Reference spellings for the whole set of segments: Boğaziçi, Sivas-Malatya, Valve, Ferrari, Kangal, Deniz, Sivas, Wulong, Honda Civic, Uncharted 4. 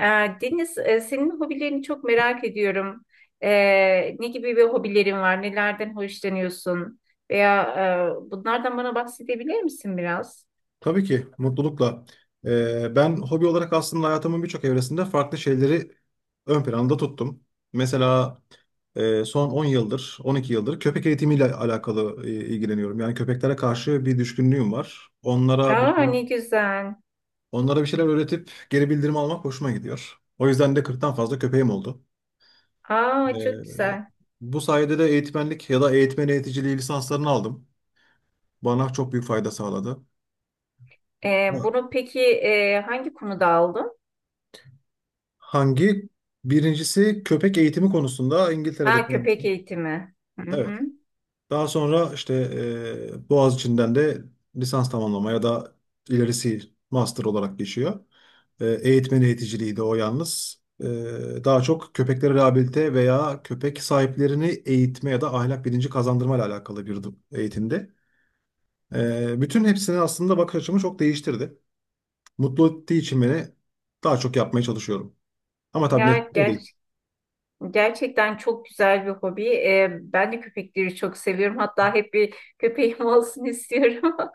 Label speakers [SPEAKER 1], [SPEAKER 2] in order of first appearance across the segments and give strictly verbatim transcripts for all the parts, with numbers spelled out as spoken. [SPEAKER 1] Ee, Deniz, e, senin hobilerini çok merak ediyorum. Ee, ne gibi bir hobilerin var? Nelerden hoşlanıyorsun? Veya e, bunlardan bana bahsedebilir misin biraz?
[SPEAKER 2] Tabii ki mutlulukla. Ee, ben hobi olarak aslında hayatımın birçok evresinde farklı şeyleri ön planda tuttum. Mesela e, son on yıldır, on iki yıldır köpek eğitimiyle alakalı e, ilgileniyorum. Yani köpeklere karşı bir düşkünlüğüm var. Onlara bir
[SPEAKER 1] Aa
[SPEAKER 2] şeyler,
[SPEAKER 1] ne güzel.
[SPEAKER 2] onlara bir şeyler öğretip geri bildirim almak hoşuma gidiyor. O yüzden de kırktan fazla köpeğim oldu.
[SPEAKER 1] Aa çok
[SPEAKER 2] Ee,
[SPEAKER 1] güzel.
[SPEAKER 2] bu sayede de eğitmenlik ya da eğitmen eğiticiliği lisanslarını aldım. Bana çok büyük fayda sağladı.
[SPEAKER 1] Ee, bunu peki e, hangi konuda aldın?
[SPEAKER 2] Hangi? Birincisi köpek eğitimi konusunda İngiltere'de
[SPEAKER 1] Ha köpek
[SPEAKER 2] tamamladı.
[SPEAKER 1] eğitimi. Hı
[SPEAKER 2] Evet.
[SPEAKER 1] hı.
[SPEAKER 2] Daha sonra işte e, Boğaziçi'nden de lisans tamamlama ya da ilerisi master olarak geçiyor. E, eğitmen eğiticiliği de o yalnız. E, daha çok köpekleri rehabilite veya köpek sahiplerini eğitme ya da ahlak bilinci kazandırma ile alakalı bir eğitimdi. E, bütün hepsini aslında bakış açımı çok değiştirdi. Mutlu ettiği için beni daha çok yapmaya çalışıyorum. Ama tabii
[SPEAKER 1] Ya
[SPEAKER 2] meslek o değil.
[SPEAKER 1] gerçekten. Gerçekten çok güzel bir hobi. Ee, ben de köpekleri çok seviyorum. Hatta hep bir köpeğim olsun istiyorum.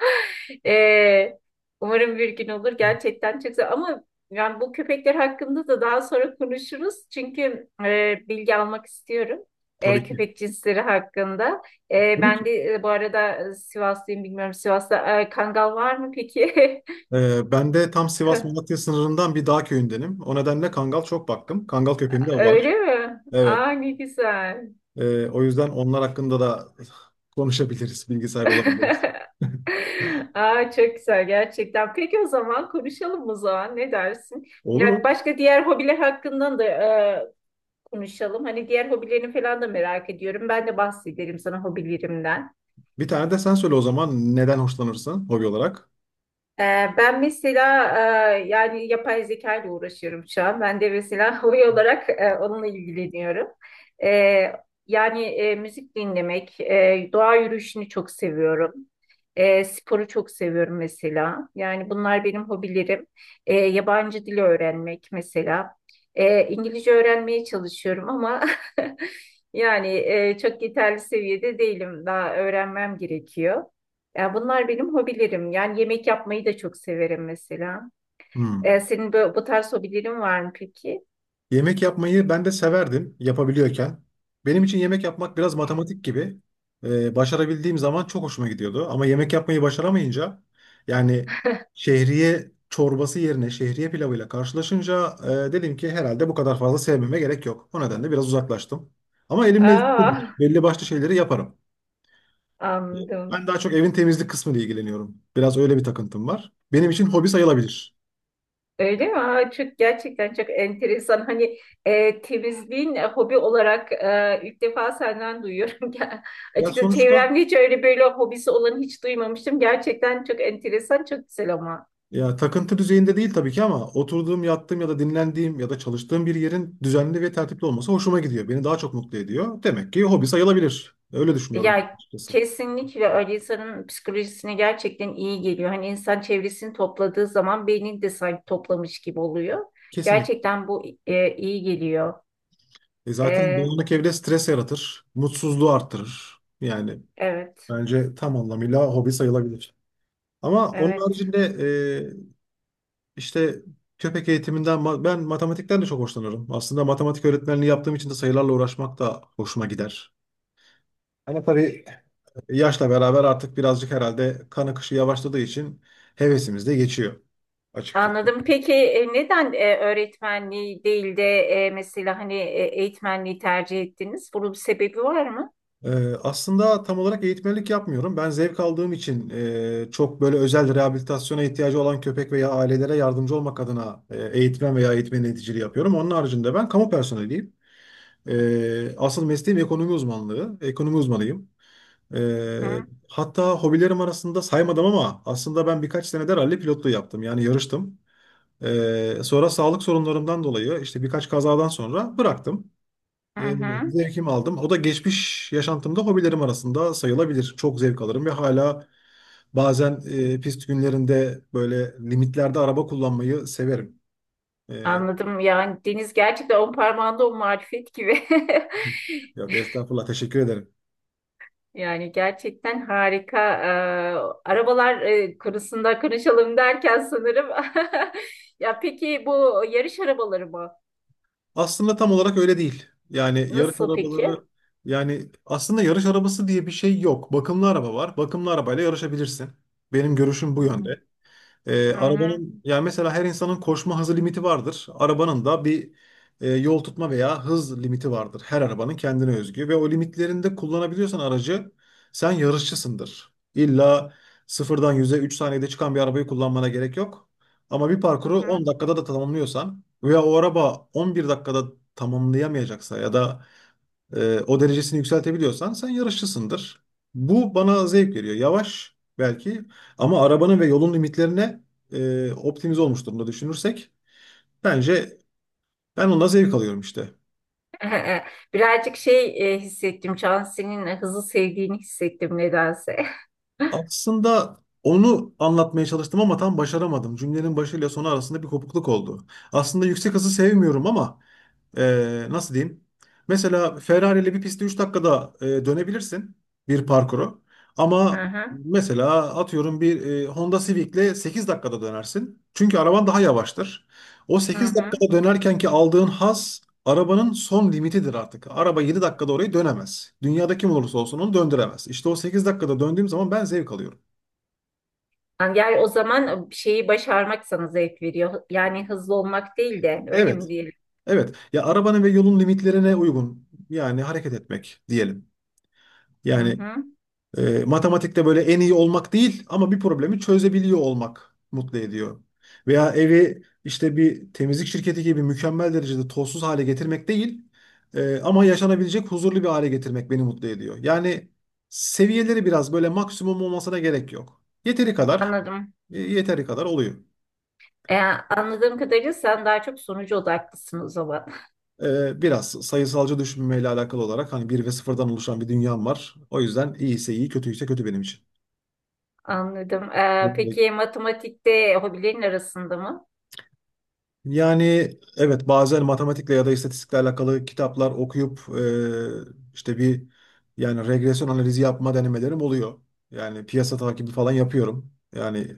[SPEAKER 1] Ee, Umarım bir gün olur. Gerçekten çok güzel. Ama yani bu köpekler hakkında da daha sonra konuşuruz. Çünkü e, bilgi almak istiyorum. e,
[SPEAKER 2] Tabii ki.
[SPEAKER 1] köpek cinsleri hakkında. E,
[SPEAKER 2] Tabii
[SPEAKER 1] ben
[SPEAKER 2] ki.
[SPEAKER 1] de e, bu arada e, Sivaslıyım bilmiyorum. Sivas'ta e, kangal var mı peki?
[SPEAKER 2] Ee, ben de tam Sivas-Malatya sınırından bir dağ köyündenim. O nedenle Kangal çok baktım. Kangal köpeğim de
[SPEAKER 1] Öyle
[SPEAKER 2] var.
[SPEAKER 1] mi?
[SPEAKER 2] Evet.
[SPEAKER 1] Aa ne güzel.
[SPEAKER 2] Ee, o yüzden onlar hakkında da konuşabiliriz, bilgi sahibi olabiliriz.
[SPEAKER 1] Aa, çok güzel gerçekten. Peki o zaman konuşalım o zaman. Ne dersin?
[SPEAKER 2] Olur mu?
[SPEAKER 1] Yani başka diğer hobiler hakkında da e, konuşalım. Hani diğer hobilerini falan da merak ediyorum. Ben de bahsederim sana hobilerimden.
[SPEAKER 2] Bir tane de sen söyle o zaman neden hoşlanırsın hobi olarak?
[SPEAKER 1] Ee, Ben mesela e, yani yapay zeka ile uğraşıyorum şu an. Ben de mesela hobi olarak e, onunla ilgileniyorum. Ee, Yani e, müzik dinlemek, e, doğa yürüyüşünü çok seviyorum. E, sporu çok seviyorum mesela. Yani bunlar benim hobilerim. E, yabancı dil öğrenmek mesela. E, İngilizce öğrenmeye çalışıyorum ama yani e, çok yeterli seviyede değilim. Daha öğrenmem gerekiyor. Ya bunlar benim hobilerim. Yani yemek yapmayı da çok severim mesela. E,
[SPEAKER 2] Hmm.
[SPEAKER 1] senin bu, bu tarz hobilerin var mı peki?
[SPEAKER 2] Yemek yapmayı ben de severdim yapabiliyorken. Benim için yemek yapmak biraz matematik gibi. Ee, başarabildiğim zaman çok hoşuma gidiyordu. Ama yemek yapmayı başaramayınca yani şehriye çorbası yerine şehriye pilavıyla karşılaşınca e, dedim ki herhalde bu kadar fazla sevmeme gerek yok. O nedenle biraz uzaklaştım. Ama elimle
[SPEAKER 1] Aa,
[SPEAKER 2] belli başlı şeyleri yaparım.
[SPEAKER 1] anladım.
[SPEAKER 2] Ben daha çok evin temizlik kısmıyla ilgileniyorum. Biraz öyle bir takıntım var. Benim için hobi sayılabilir.
[SPEAKER 1] Öyle mi? Aa, çok gerçekten çok enteresan. Hani e, temizliğin e, hobi olarak e, ilk defa senden duyuyorum. Ya,
[SPEAKER 2] Ya
[SPEAKER 1] açıkçası
[SPEAKER 2] sonuçta.
[SPEAKER 1] çevremde hiç öyle böyle hobisi olanı hiç duymamıştım. Gerçekten çok enteresan, çok güzel ama.
[SPEAKER 2] Ya takıntı düzeyinde değil tabii ki ama oturduğum, yattığım ya da dinlendiğim ya da çalıştığım bir yerin düzenli ve tertipli olması hoşuma gidiyor. Beni daha çok mutlu ediyor. Demek ki hobi sayılabilir. Öyle düşünüyorum ben
[SPEAKER 1] Ya
[SPEAKER 2] açıkçası.
[SPEAKER 1] kesinlikle öyle insanın psikolojisine gerçekten iyi geliyor. Hani insan çevresini topladığı zaman beynini de sanki toplamış gibi oluyor.
[SPEAKER 2] Kesinlikle.
[SPEAKER 1] Gerçekten bu e, iyi geliyor.
[SPEAKER 2] E zaten
[SPEAKER 1] E,
[SPEAKER 2] dağınık evde stres yaratır, mutsuzluğu arttırır. Yani
[SPEAKER 1] evet,
[SPEAKER 2] bence tam anlamıyla hobi sayılabilir. Ama onun
[SPEAKER 1] evet.
[SPEAKER 2] haricinde e, işte köpek eğitiminden ma- ben matematikten de çok hoşlanıyorum. Aslında matematik öğretmenliği yaptığım için de sayılarla uğraşmak da hoşuma gider. Ama tabii, yaşla beraber artık birazcık herhalde kan akışı yavaşladığı için hevesimiz de geçiyor açıkçası.
[SPEAKER 1] Anladım. Peki e, neden e, öğretmenliği değil de e, mesela hani e, eğitmenliği tercih ettiniz? Bunun bir sebebi var mı?
[SPEAKER 2] Ee, aslında tam olarak eğitmenlik yapmıyorum. Ben zevk aldığım için e, çok böyle özel rehabilitasyona ihtiyacı olan köpek veya ailelere yardımcı olmak adına e, eğitmen veya eğitmen yöneticiliği yapıyorum. Onun haricinde ben kamu personeliyim. Ee, asıl mesleğim ekonomi uzmanlığı. Ekonomi uzmanıyım. Ee,
[SPEAKER 1] Hı
[SPEAKER 2] hatta hobilerim arasında saymadım ama aslında ben birkaç senedir ralli pilotluğu yaptım. Yani yarıştım. Ee, sonra sağlık sorunlarımdan dolayı işte birkaç kazadan sonra bıraktım. Ee,
[SPEAKER 1] hı.
[SPEAKER 2] zevkimi aldım. O da geçmiş yaşantımda hobilerim arasında sayılabilir. Çok zevk alırım ve hala bazen e, pist günlerinde böyle limitlerde araba kullanmayı severim. Ee,
[SPEAKER 1] Anladım. Yani Deniz gerçekten on parmağında on marifet gibi.
[SPEAKER 2] yok estağfurullah, teşekkür ederim.
[SPEAKER 1] Yani gerçekten harika. Ee, arabalar e, konusunda konuşalım derken sanırım. Ya peki bu yarış arabaları mı?
[SPEAKER 2] Aslında tam olarak öyle değil. Yani yarış
[SPEAKER 1] Nasıl peki?
[SPEAKER 2] arabaları, yani aslında yarış arabası diye bir şey yok. Bakımlı araba var. Bakımlı arabayla yarışabilirsin. Benim görüşüm bu
[SPEAKER 1] Hmm.
[SPEAKER 2] yönde. Ee,
[SPEAKER 1] Hı hı.
[SPEAKER 2] arabanın yani mesela her insanın koşma hızı limiti vardır. Arabanın da bir e, yol tutma veya hız limiti vardır. Her arabanın kendine özgü ve o limitlerinde kullanabiliyorsan aracı sen yarışçısındır. İlla sıfırdan yüze üç saniyede çıkan bir arabayı kullanmana gerek yok. Ama bir
[SPEAKER 1] Hı
[SPEAKER 2] parkuru
[SPEAKER 1] hı.
[SPEAKER 2] on dakikada da tamamlıyorsan veya o araba on bir dakikada tamamlayamayacaksa ya da e, o derecesini yükseltebiliyorsan sen yarışçısındır. Bu bana zevk veriyor. Yavaş belki ama arabanın ve yolun limitlerine e, optimize olmuş durumda düşünürsek, bence ben ondan zevk alıyorum işte.
[SPEAKER 1] Birazcık şey e, hissettim. Cansu'nun hızı sevdiğini hissettim nedense.
[SPEAKER 2] Aslında onu anlatmaya çalıştım ama tam başaramadım. Cümlenin başıyla sonu arasında bir kopukluk oldu. Aslında yüksek hızı sevmiyorum ama e, nasıl diyeyim? Mesela Ferrari ile bir pistte üç dakikada e, dönebilirsin bir parkuru.
[SPEAKER 1] Hı
[SPEAKER 2] Ama
[SPEAKER 1] hı.
[SPEAKER 2] mesela atıyorum bir e, Honda Civic ile sekiz dakikada dönersin. Çünkü araban daha yavaştır. O
[SPEAKER 1] Hı
[SPEAKER 2] sekiz
[SPEAKER 1] hı.
[SPEAKER 2] dakikada dönerken ki aldığın haz arabanın son limitidir artık. Araba yedi dakikada orayı dönemez. Dünyada kim olursa olsun onu döndüremez. İşte o sekiz dakikada döndüğüm zaman ben zevk alıyorum.
[SPEAKER 1] Yani yani o zaman şeyi başarmak sana zevk veriyor. Yani hızlı olmak değil de öyle mi
[SPEAKER 2] Evet,
[SPEAKER 1] diyelim?
[SPEAKER 2] evet. Ya arabanın ve yolun limitlerine uygun, yani hareket etmek diyelim.
[SPEAKER 1] Hı
[SPEAKER 2] Yani,
[SPEAKER 1] hı.
[SPEAKER 2] E, matematikte böyle en iyi olmak değil ama bir problemi çözebiliyor olmak mutlu ediyor. Veya evi işte bir temizlik şirketi gibi mükemmel derecede tozsuz hale getirmek değil e, ama yaşanabilecek huzurlu bir hale getirmek beni mutlu ediyor. Yani seviyeleri biraz böyle maksimum olmasına gerek yok. Yeteri kadar,
[SPEAKER 1] Anladım.
[SPEAKER 2] e, yeteri kadar oluyor.
[SPEAKER 1] Ee, Anladığım kadarıyla sen daha çok sonucu odaklısın o zaman.
[SPEAKER 2] E, biraz sayısalcı düşünmeyle alakalı olarak hani bir ve sıfırdan oluşan bir dünyam var. O yüzden iyiyse iyi, kötüyse kötü benim
[SPEAKER 1] Anladım. Ee,
[SPEAKER 2] için.
[SPEAKER 1] peki matematikte hobilerin arasında mı?
[SPEAKER 2] Yani evet, bazen matematikle ya da istatistikle alakalı kitaplar okuyup e, işte bir, yani regresyon analizi yapma denemelerim oluyor. Yani piyasa takibi falan yapıyorum. Yani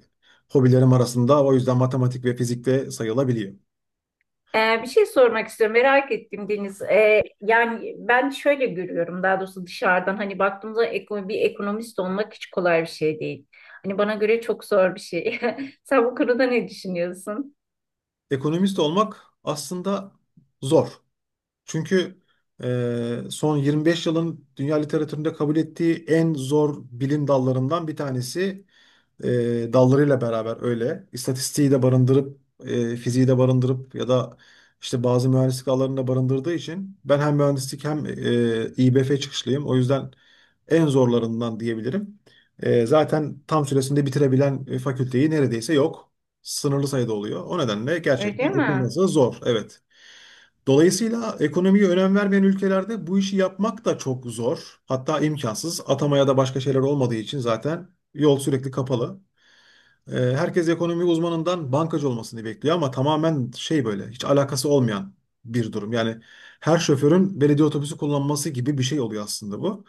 [SPEAKER 2] hobilerim arasında o yüzden matematik ve fizik de sayılabiliyor.
[SPEAKER 1] Ee, bir şey sormak istiyorum. Merak ettim Deniz. Ee, yani ben şöyle görüyorum daha doğrusu dışarıdan hani baktığımda ekonomi, bir ekonomist olmak hiç kolay bir şey değil. Hani bana göre çok zor bir şey. Sen bu konuda ne düşünüyorsun?
[SPEAKER 2] Ekonomist olmak aslında zor. Çünkü e, son yirmi beş yılın dünya literatüründe kabul ettiği en zor bilim dallarından bir tanesi, e, dallarıyla beraber öyle. İstatistiği de barındırıp, e, fiziği de barındırıp ya da işte bazı mühendislik alanını da barındırdığı için ben hem mühendislik hem e, İBF çıkışlıyım. O yüzden en zorlarından diyebilirim. E, zaten tam süresinde bitirebilen e, fakülteyi neredeyse yok. Sınırlı sayıda oluyor. O nedenle gerçekten
[SPEAKER 1] Öyle mi?
[SPEAKER 2] okuması zor. Evet. Dolayısıyla ekonomiye önem vermeyen ülkelerde bu işi yapmak da çok zor. Hatta imkansız. Atamaya da başka şeyler olmadığı için zaten yol sürekli kapalı. E, herkes ekonomi uzmanından bankacı olmasını bekliyor ama tamamen şey böyle hiç alakası olmayan bir durum. Yani her şoförün belediye otobüsü kullanması gibi bir şey oluyor aslında bu.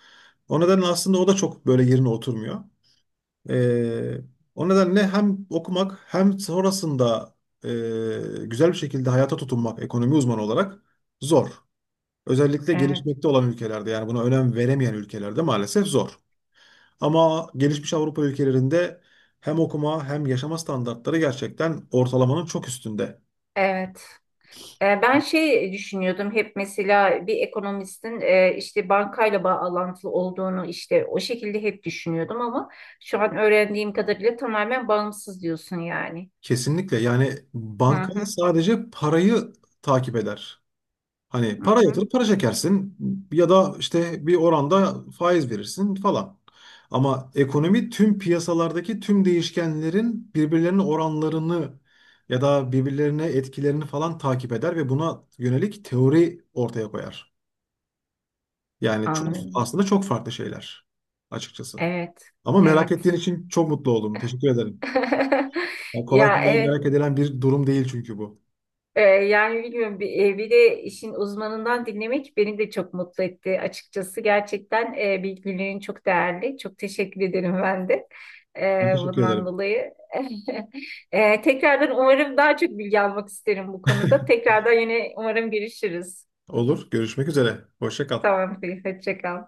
[SPEAKER 2] O nedenle aslında o da çok böyle yerine oturmuyor. E, o nedenle hem okumak hem sonrasında e, güzel bir şekilde hayata tutunmak ekonomi uzmanı olarak zor. Özellikle
[SPEAKER 1] Evet,
[SPEAKER 2] gelişmekte olan ülkelerde yani buna önem veremeyen ülkelerde maalesef zor. Ama gelişmiş Avrupa ülkelerinde hem okuma hem yaşama standartları gerçekten ortalamanın çok üstünde.
[SPEAKER 1] evet. E, Ben şey düşünüyordum hep mesela bir ekonomistin e, işte bankayla bağlantılı olduğunu işte o şekilde hep düşünüyordum ama şu an öğrendiğim kadarıyla tamamen bağımsız diyorsun yani.
[SPEAKER 2] Kesinlikle, yani
[SPEAKER 1] Hı
[SPEAKER 2] banka
[SPEAKER 1] hı,
[SPEAKER 2] sadece parayı takip eder. Hani
[SPEAKER 1] hı
[SPEAKER 2] para
[SPEAKER 1] hı.
[SPEAKER 2] yatırıp para çekersin ya da işte bir oranda faiz verirsin falan. Ama ekonomi tüm piyasalardaki tüm değişkenlerin birbirlerinin oranlarını ya da birbirlerine etkilerini falan takip eder ve buna yönelik teori ortaya koyar. Yani çok,
[SPEAKER 1] Anladım.
[SPEAKER 2] aslında çok farklı şeyler açıkçası.
[SPEAKER 1] Evet,
[SPEAKER 2] Ama merak
[SPEAKER 1] evet.
[SPEAKER 2] ettiğin için çok mutlu oldum. Teşekkür ederim. Yani kolay
[SPEAKER 1] Ya
[SPEAKER 2] kolay
[SPEAKER 1] evet.
[SPEAKER 2] merak edilen bir durum değil çünkü bu.
[SPEAKER 1] Ee, yani bilmiyorum bir, e, bir de işin uzmanından dinlemek beni de çok mutlu etti açıkçası. Gerçekten e, bilgilerin çok değerli. Çok teşekkür ederim ben de e,
[SPEAKER 2] Ben teşekkür
[SPEAKER 1] bundan
[SPEAKER 2] ederim.
[SPEAKER 1] dolayı. E, tekrardan umarım daha çok bilgi almak isterim bu konuda. Tekrardan yine umarım görüşürüz.
[SPEAKER 2] Olur. Görüşmek üzere. Hoşça kal.
[SPEAKER 1] Tamam, hoşça kal.